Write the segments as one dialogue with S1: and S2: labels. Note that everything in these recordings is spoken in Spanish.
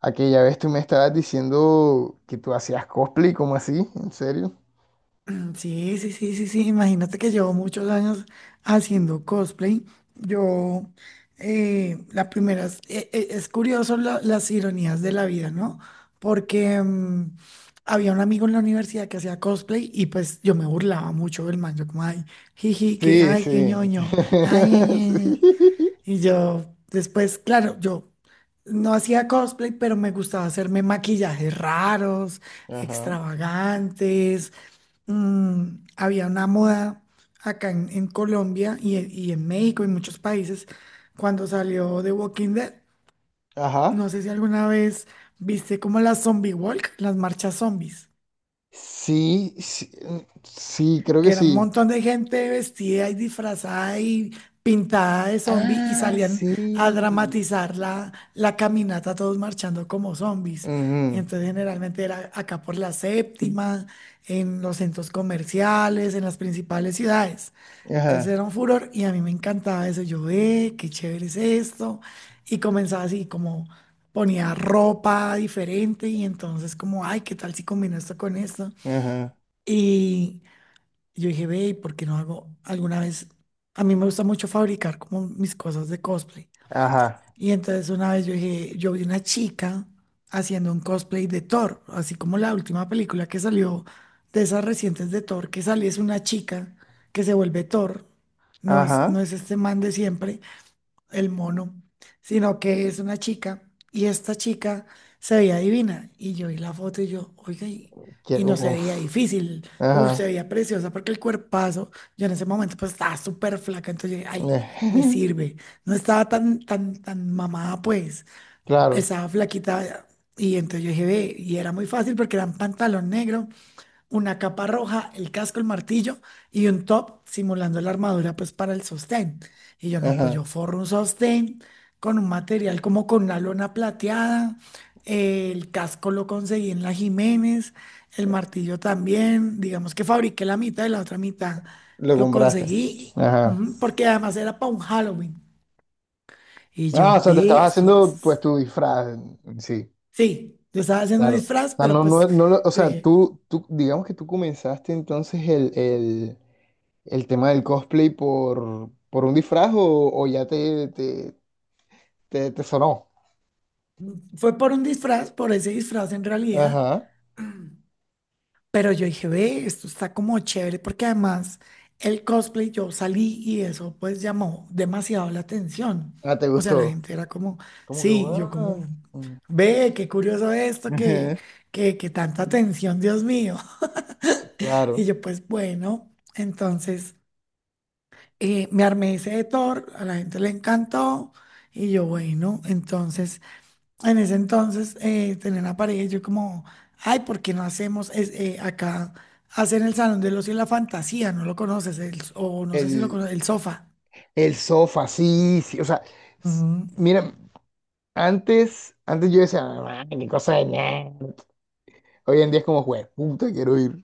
S1: Aquella vez tú me estabas diciendo que tú hacías cosplay, ¿cómo así? ¿En serio?
S2: Sí, sí, sí, sí, sí. Imagínate que llevo muchos años haciendo cosplay. Yo, la primera, es, es curioso las ironías de la vida, ¿no? Porque había un amigo en la universidad que hacía cosplay y pues yo me burlaba mucho del man. Yo como, ay, jiji, que,
S1: Sí,
S2: ay, qué
S1: sí.
S2: ñoño, ay, ay, ay". Ay".
S1: Sí.
S2: Y yo, después, claro, yo no hacía cosplay, pero me gustaba hacerme maquillajes raros,
S1: Ajá.
S2: extravagantes. Había una moda acá en Colombia y en México y en muchos países cuando salió The Walking Dead.
S1: Ajá.
S2: No sé si alguna vez viste como la zombie walk, las marchas zombies,
S1: Sí, sí, mm, sí, creo
S2: que
S1: que
S2: era un
S1: sí.
S2: montón de gente vestida y disfrazada y pintada de zombie y
S1: Ah,
S2: salían
S1: sí.
S2: a dramatizar la caminata todos marchando como zombies. Y
S1: Ujú.
S2: entonces generalmente era acá por la séptima, en los centros comerciales, en las principales ciudades. Entonces
S1: Ajá,
S2: era un furor y a mí me encantaba eso. Yo, ve, qué chévere es esto. Y comenzaba así, como ponía ropa diferente y entonces como, ay, ¿qué tal si combino esto con esto?
S1: ajá,
S2: Y yo dije, ve, ¿por qué no hago alguna vez? A mí me gusta mucho fabricar como mis cosas de cosplay.
S1: ajá,
S2: Y entonces una vez yo dije, yo vi una chica haciendo un cosplay de Thor, así como la última película que salió de esas recientes de Thor, que sale es una chica que se vuelve Thor, no
S1: ajá.
S2: es este man de siempre, el mono, sino que es una chica y esta chica se veía divina y yo vi la foto y yo, oiga, y
S1: Quiero,
S2: no se veía
S1: uf,
S2: difícil, uf, se
S1: ajá.
S2: veía preciosa porque el cuerpazo, yo en ese momento pues estaba súper flaca, entonces yo dije, ay, me
S1: Eh,
S2: sirve, no estaba tan, tan, tan mamada pues,
S1: Claro,
S2: estaba flaquita y entonces yo dije, ve, y era muy fácil porque era un pantalón negro, una capa roja, el casco, el martillo y un top simulando la armadura pues para el sostén. Y yo no, pues
S1: ajá.
S2: yo forro un sostén con un material como con una lona plateada. El casco lo conseguí en la Jiménez, el martillo también, digamos que fabriqué la mitad y la otra mitad
S1: Lo
S2: lo
S1: compraste.
S2: conseguí,
S1: Ajá.
S2: ujú, porque además era para un Halloween. Y yo
S1: Ah, o sea, te
S2: vi,
S1: estabas haciendo pues tu disfraz. Sí.
S2: sí, yo estaba haciendo un
S1: Claro.
S2: disfraz,
S1: O sea,
S2: pero
S1: no,
S2: pues
S1: no, no, lo- o
S2: yo
S1: sea,
S2: dije,
S1: tú, digamos que tú comenzaste entonces el tema del cosplay por un disfraz o ya te sonó.
S2: fue por un disfraz, por ese disfraz en realidad.
S1: Ajá.
S2: Pero yo dije, ve, esto está como chévere, porque además el cosplay, yo salí y eso pues llamó demasiado la atención.
S1: Ah, te
S2: O sea, la
S1: gustó.
S2: gente era como,
S1: Como que,
S2: sí,
S1: wow.
S2: yo
S1: Ajá,
S2: como, ve, qué curioso esto, que tanta atención, Dios mío.
S1: Claro.
S2: Y yo pues bueno, entonces me armé ese de Thor, a la gente le encantó. Y yo, bueno, entonces en ese entonces tenía una pareja y yo como, ay, ¿por qué no hacemos acá, hacen el Salón del Ocio y la Fantasía, no lo conoces, o no sé si lo
S1: El,
S2: conoces, el sofá.
S1: el sofá, sí, sí. O sea, s-
S2: Ujú.
S1: mira, antes yo decía, "Ah, qué cosa de nerd". Hoy en día es como, juez, puta, quiero ir.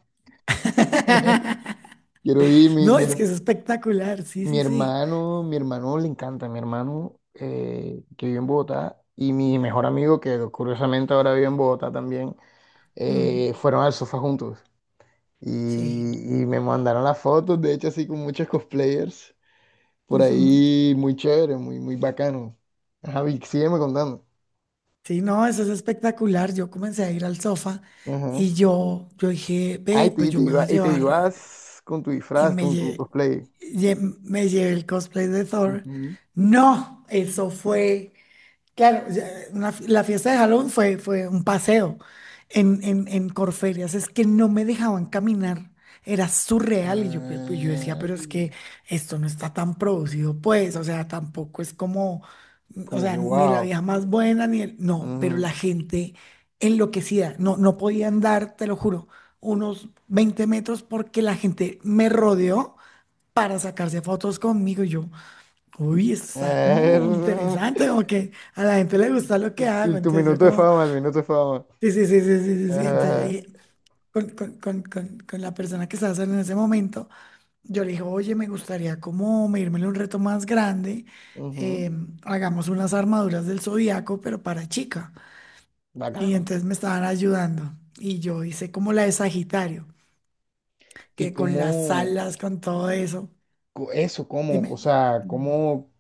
S1: Quiero ir, mi,
S2: No,
S1: mi,
S2: es que
S1: her-
S2: es espectacular, sí,
S1: Mi
S2: sí, sí.
S1: hermano, mi hermano le encanta, mi hermano que vive en Bogotá y mi mejor amigo que curiosamente ahora vive en Bogotá también,
S2: Mm,
S1: fueron al sofá juntos y,
S2: sí.
S1: y me mandaron las fotos, de hecho así con muchos cosplayers por
S2: Ujú.
S1: ahí, muy chévere, muy, muy bacano. Ajá, Vic, sígueme contando.
S2: Sí, no, eso es espectacular. Yo comencé a ir al sofá
S1: Ajá.
S2: y yo dije,
S1: Ah,
S2: ve, pues yo me voy a
S1: y te
S2: llevar
S1: ibas con tu
S2: y
S1: disfraz, con tu cosplay.
S2: me llevé el cosplay de Thor.
S1: Ujú.
S2: No, eso fue... Claro, ya, la fiesta de Halloween fue, fue un paseo en, en Corferias, es que no me dejaban caminar, era surreal y yo, yo decía,
S1: Ay,
S2: pero es que esto no está tan producido, pues, o sea, tampoco es como, o
S1: como que
S2: sea, ni la
S1: wow.
S2: vieja más buena, ni el, no, pero la
S1: Ujú.
S2: gente enloquecida, no, no podía andar, te lo juro, unos 20 metros porque la gente me rodeó para sacarse fotos conmigo y yo. Uy, esto está como interesante, como que a la gente le gusta lo que
S1: Y
S2: hago.
S1: y tu
S2: Entonces yo
S1: minuto de
S2: como,
S1: fama, el minuto de fama.
S2: sí, sí, sí, sí, sí, sí, sí.
S1: Ajá,
S2: Entonces yo
S1: ajá.
S2: dije, con la persona que estaba saliendo en ese momento, yo le dije, oye, me gustaría como medírmele un reto más grande.
S1: Ujú,
S2: eh, hagamos unas armaduras del zodiaco, pero para chica. Y
S1: bacano.
S2: entonces me estaban ayudando. Y yo hice como la de Sagitario,
S1: ¿Y
S2: que con las
S1: cómo,
S2: alas, con todo eso.
S1: co- eso, cómo, o
S2: Dime.
S1: sea,
S2: Mm.
S1: cómo,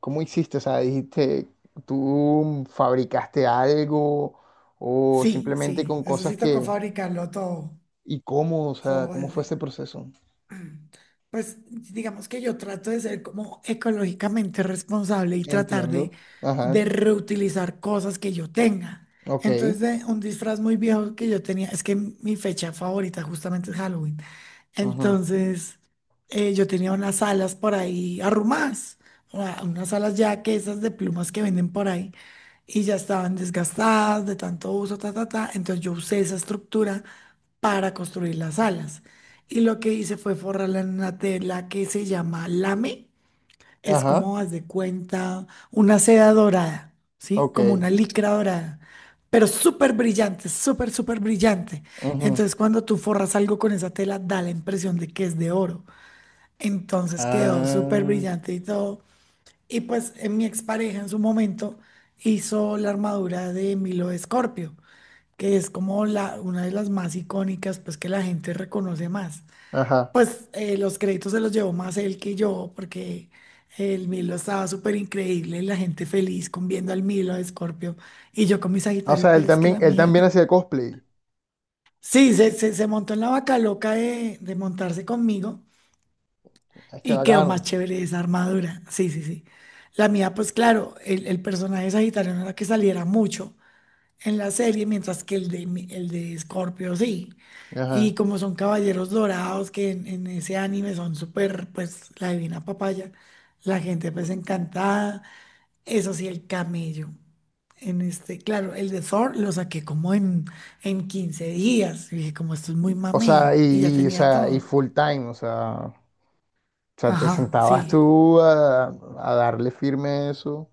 S1: cómo hiciste? O sea, dijiste, tú fabricaste algo o
S2: Sí,
S1: simplemente
S2: sí,
S1: con
S2: eso
S1: cosas
S2: sí tocó
S1: que,
S2: fabricarlo todo.
S1: ¿y cómo? O sea,
S2: Todo.
S1: ¿cómo fue ese proceso?
S2: Pues digamos que yo trato de ser como ecológicamente responsable y tratar
S1: Entiendo. Ajá,
S2: de reutilizar cosas que yo tenga.
S1: ok.
S2: Entonces, de un disfraz muy viejo que yo tenía, es que mi fecha favorita justamente es Halloween.
S1: Ujú,
S2: Entonces, yo tenía unas alas por ahí arrumadas, unas alas ya que esas de plumas que venden por ahí, y ya estaban desgastadas de tanto uso, ta, ta, ta. Entonces, yo usé esa estructura para construir las alas. Y lo que hice fue forrarla en una tela que se llama lame. Es
S1: ajá,
S2: como, haz de cuenta, una seda dorada, ¿sí?
S1: ok.
S2: Como una licra dorada, pero súper brillante, súper, súper brillante.
S1: Ujú,
S2: Entonces, cuando tú forras algo con esa tela, da la impresión de que es de oro. Entonces, quedó súper
S1: ah,
S2: brillante y todo. Y pues, mi expareja en su momento hizo la armadura de Milo de Escorpio, que es como la, una de las más icónicas, pues que la gente reconoce más.
S1: ajá.
S2: Pues los créditos se los llevó más él que yo, porque el Milo estaba súper increíble, la gente feliz con viendo al Milo de Escorpio y yo con mi
S1: O
S2: Sagitario,
S1: sea,
S2: pero
S1: él
S2: es que
S1: también,
S2: la
S1: él
S2: mía.
S1: también hacía cosplay.
S2: Sí, se montó en la vaca loca de montarse conmigo
S1: Es que
S2: y quedó más
S1: bacano.
S2: chévere esa armadura. Sí, sí, sí. La mía, pues claro, el personaje de Sagitario no era que saliera mucho en la serie, mientras que el de, el de Scorpio sí. Y
S1: Ajá.
S2: como son caballeros dorados, que en, ese anime son súper, pues, la divina papaya, la gente pues encantada. Eso sí, el camello. En este, claro, el de Thor lo saqué como en, 15 días. Y dije, como esto es muy
S1: O
S2: mamey,
S1: sea,
S2: y ya
S1: y, o
S2: tenía
S1: sea, y
S2: todo.
S1: full time, o sea, te
S2: Ajá, sí,
S1: sentabas tú a darle firme a eso.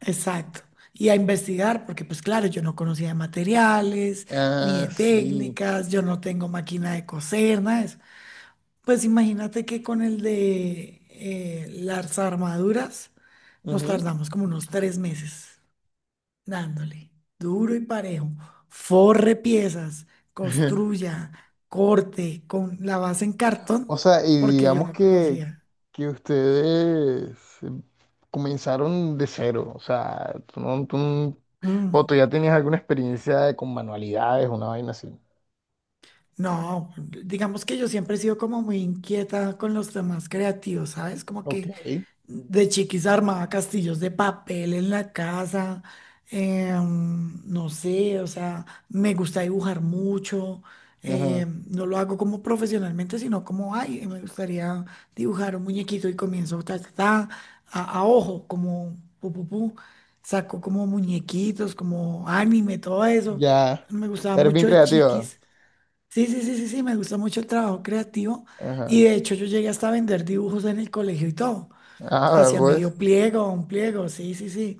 S2: exacto. Y a investigar, porque pues claro, yo no conocía de materiales, ni
S1: Ah,
S2: de
S1: sí.
S2: técnicas, yo no tengo máquina de coser, nada. Pues imagínate que con el de las armaduras nos
S1: Ujú.
S2: tardamos como unos 3 meses dándole duro y parejo. Forre piezas, construya, corte con la base en
S1: O
S2: cartón,
S1: sea, y
S2: porque yo
S1: digamos
S2: no conocía.
S1: que ustedes comenzaron de cero, o sea, tú no-
S2: Mm,
S1: o tú ya tenías alguna experiencia con manualidades, una vaina así.
S2: no, digamos que yo siempre he sido como muy inquieta con los temas creativos, ¿sabes? Como
S1: Ok.
S2: que de chiquis armaba castillos de papel en la casa, no sé, o sea, me gusta dibujar mucho,
S1: Ajá.
S2: no lo hago como profesionalmente, sino como, ay, me gustaría dibujar un muñequito y comienzo ta, ta, ta, a ojo, como pu, pu, pu, saco como muñequitos, como anime, todo eso.
S1: Ya.
S2: Me gustaba
S1: Eres bien
S2: mucho de
S1: creativa.
S2: chiquis. Sí, sí, sí, sí, sí, me gusta mucho el trabajo creativo y
S1: Ajá.
S2: de hecho yo llegué hasta a vender dibujos en el colegio y todo,
S1: Ah,
S2: hacia
S1: pues,
S2: medio pliego, un pliego, sí, sí, sí.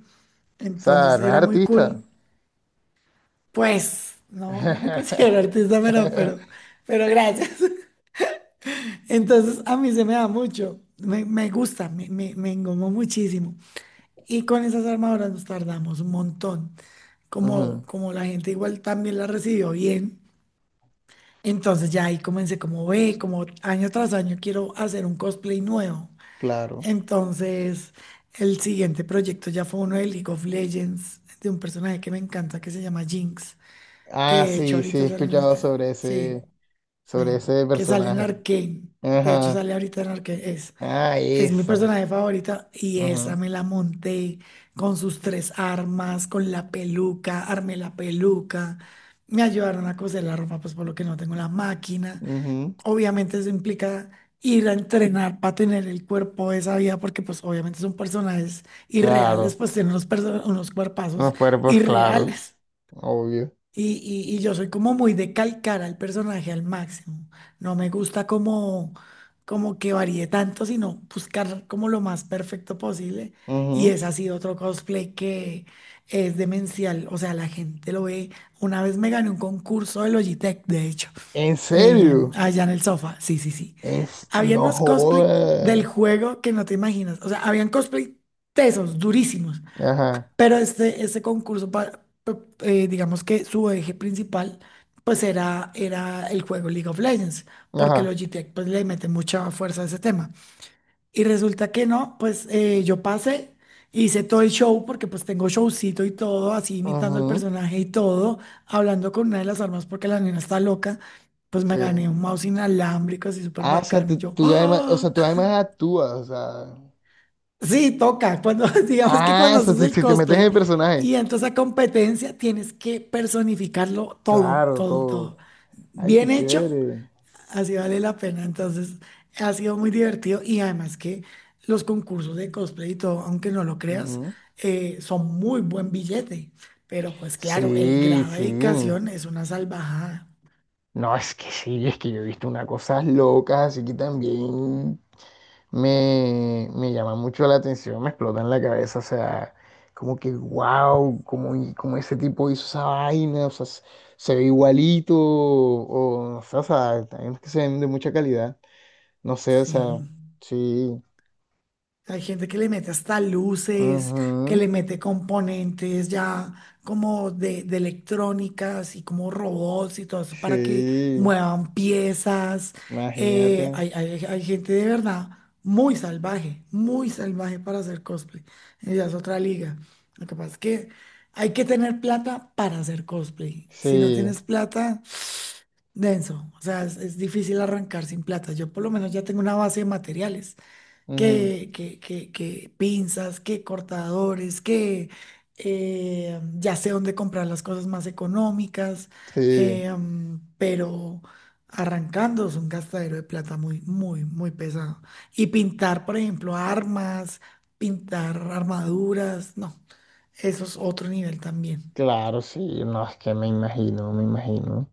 S1: o sea,
S2: Entonces
S1: eres
S2: era muy
S1: artista.
S2: cool. Pues, no, no me considero artista, pero gracias. Entonces a mí se me da mucho, me gusta, me engomó muchísimo. Y con esas armaduras nos tardamos un montón. Como,
S1: Ujú,
S2: como la gente igual también la recibió bien. Entonces ya ahí comencé como ve, como año tras año quiero hacer un cosplay nuevo.
S1: claro.
S2: Entonces, el siguiente proyecto ya fue uno de League of Legends, de un personaje que me encanta que se llama Jinx, que
S1: Ah,
S2: de hecho
S1: sí, sí, he
S2: ahorita sale
S1: escuchado
S2: en... Sí,
S1: sobre
S2: sí,
S1: ese
S2: que sale en
S1: personaje.
S2: Arcane. De hecho,
S1: Ajá.
S2: sale ahorita en Arcane.
S1: Ah,
S2: Es mi
S1: esa.
S2: personaje favorita y esa
S1: Ajá.
S2: me la monté con sus tres armas, con la peluca, armé la peluca. Me ayudaron a coser la ropa, pues por lo que no tengo la máquina.
S1: Ujú,
S2: Obviamente eso implica ir a entrenar para tener el cuerpo de esa vida, porque pues obviamente son personajes irreales,
S1: claro.
S2: pues tienen unos cuerpazos
S1: Los cuerpos, claro.
S2: irreales.
S1: Obvio.
S2: Y, y yo soy como muy de calcar al personaje al máximo. No me gusta como, como que varíe tanto, sino buscar como lo más perfecto posible. Y
S1: Ujú.
S2: es así otro cosplay que es demencial. O sea, la gente lo ve. Una vez me gané un concurso de Logitech, de hecho,
S1: ¿En serio?
S2: allá en el sofá. Sí, sí, sí.
S1: En s-
S2: Habían
S1: No
S2: unos cosplay
S1: jodas.
S2: del juego que no te imaginas. O sea, habían cosplay tesos, durísimos.
S1: Ajá.
S2: Pero este concurso, digamos que su eje principal, pues era, era el juego League of Legends, porque
S1: Ajá.
S2: los GTEC pues, le mete mucha fuerza a ese tema. Y resulta que no, pues yo pasé, hice todo el show, porque pues tengo showcito y todo, así imitando el
S1: Ujú,
S2: personaje y todo, hablando con una de las armas porque la nena está loca. Pues me
S1: sí.
S2: gané un mouse inalámbrico así súper
S1: Ah, o sea,
S2: bacano. Y
S1: tú,
S2: yo,
S1: tú además, o
S2: ¡ah!
S1: sea, tú además actúas, o sea.
S2: Sí, toca. Cuando, digamos que
S1: Ah,
S2: cuando
S1: o sea,
S2: haces
S1: tú-
S2: el
S1: si te metes en
S2: cosplay
S1: el personaje.
S2: y entras a competencia, tienes que personificarlo todo,
S1: Claro,
S2: todo, todo.
S1: todo. Ay, qué
S2: Bien hecho,
S1: chévere.
S2: así vale la pena. Entonces, ha sido muy divertido y además que los concursos de cosplay y todo, aunque no lo creas,
S1: Ujú.
S2: son muy buen billete. Pero pues claro, el
S1: Sí,
S2: grado de
S1: sí.
S2: dedicación es una salvajada.
S1: No, es que sí, es que yo he visto unas cosas locas, así que también me llama mucho la atención, me explota en la cabeza, o sea, como que wow, como, y- como ese tipo hizo esa vaina, o sea, se se ve igualito, o sea, hay unos que se ven de mucha calidad, no sé, o sea,
S2: Sí.
S1: sí,
S2: Hay gente que le mete hasta luces, que
S1: ujú,
S2: le mete componentes ya como de electrónica, y como robots y todo eso para que
S1: sí,
S2: muevan piezas.
S1: imagínate,
S2: Hay gente de verdad muy salvaje para hacer cosplay. Ya es otra liga. Lo que pasa es que hay que tener plata para hacer cosplay. Si no
S1: sí,
S2: tienes plata, denso. O sea, es difícil arrancar sin plata. Yo por lo menos ya tengo una base de materiales
S1: ujú,
S2: que pinzas, que cortadores, que ya sé dónde comprar las cosas más económicas,
S1: sí.
S2: pero arrancando es un gastadero de plata muy, muy, muy pesado. Y pintar, por ejemplo, armas, pintar armaduras, no, eso es otro nivel también.
S1: Claro, sí, no, es que me imagino, me imagino.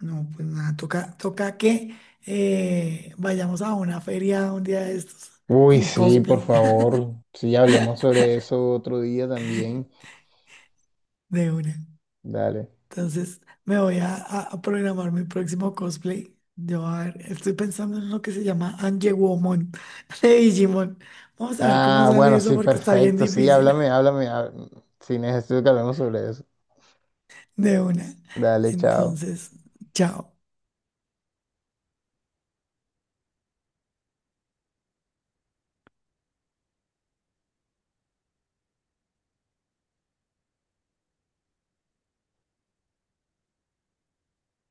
S2: No, pues nada, toca, toca que vayamos a una feria un día de estos
S1: Uy,
S2: en
S1: sí, por
S2: cosplay
S1: favor, sí, hablemos sobre eso otro día también.
S2: de una.
S1: Dale.
S2: Entonces me voy a programar mi próximo cosplay. Yo a ver, estoy pensando en lo que se llama Angewomon de Digimon. Vamos a ver cómo
S1: Ah,
S2: sale
S1: bueno,
S2: eso
S1: sí,
S2: porque está bien
S1: perfecto, sí,
S2: difícil
S1: háblame, háblame, há- sí, necesito que hablemos sobre eso.
S2: de una.
S1: Dale, chao.
S2: Entonces, chao.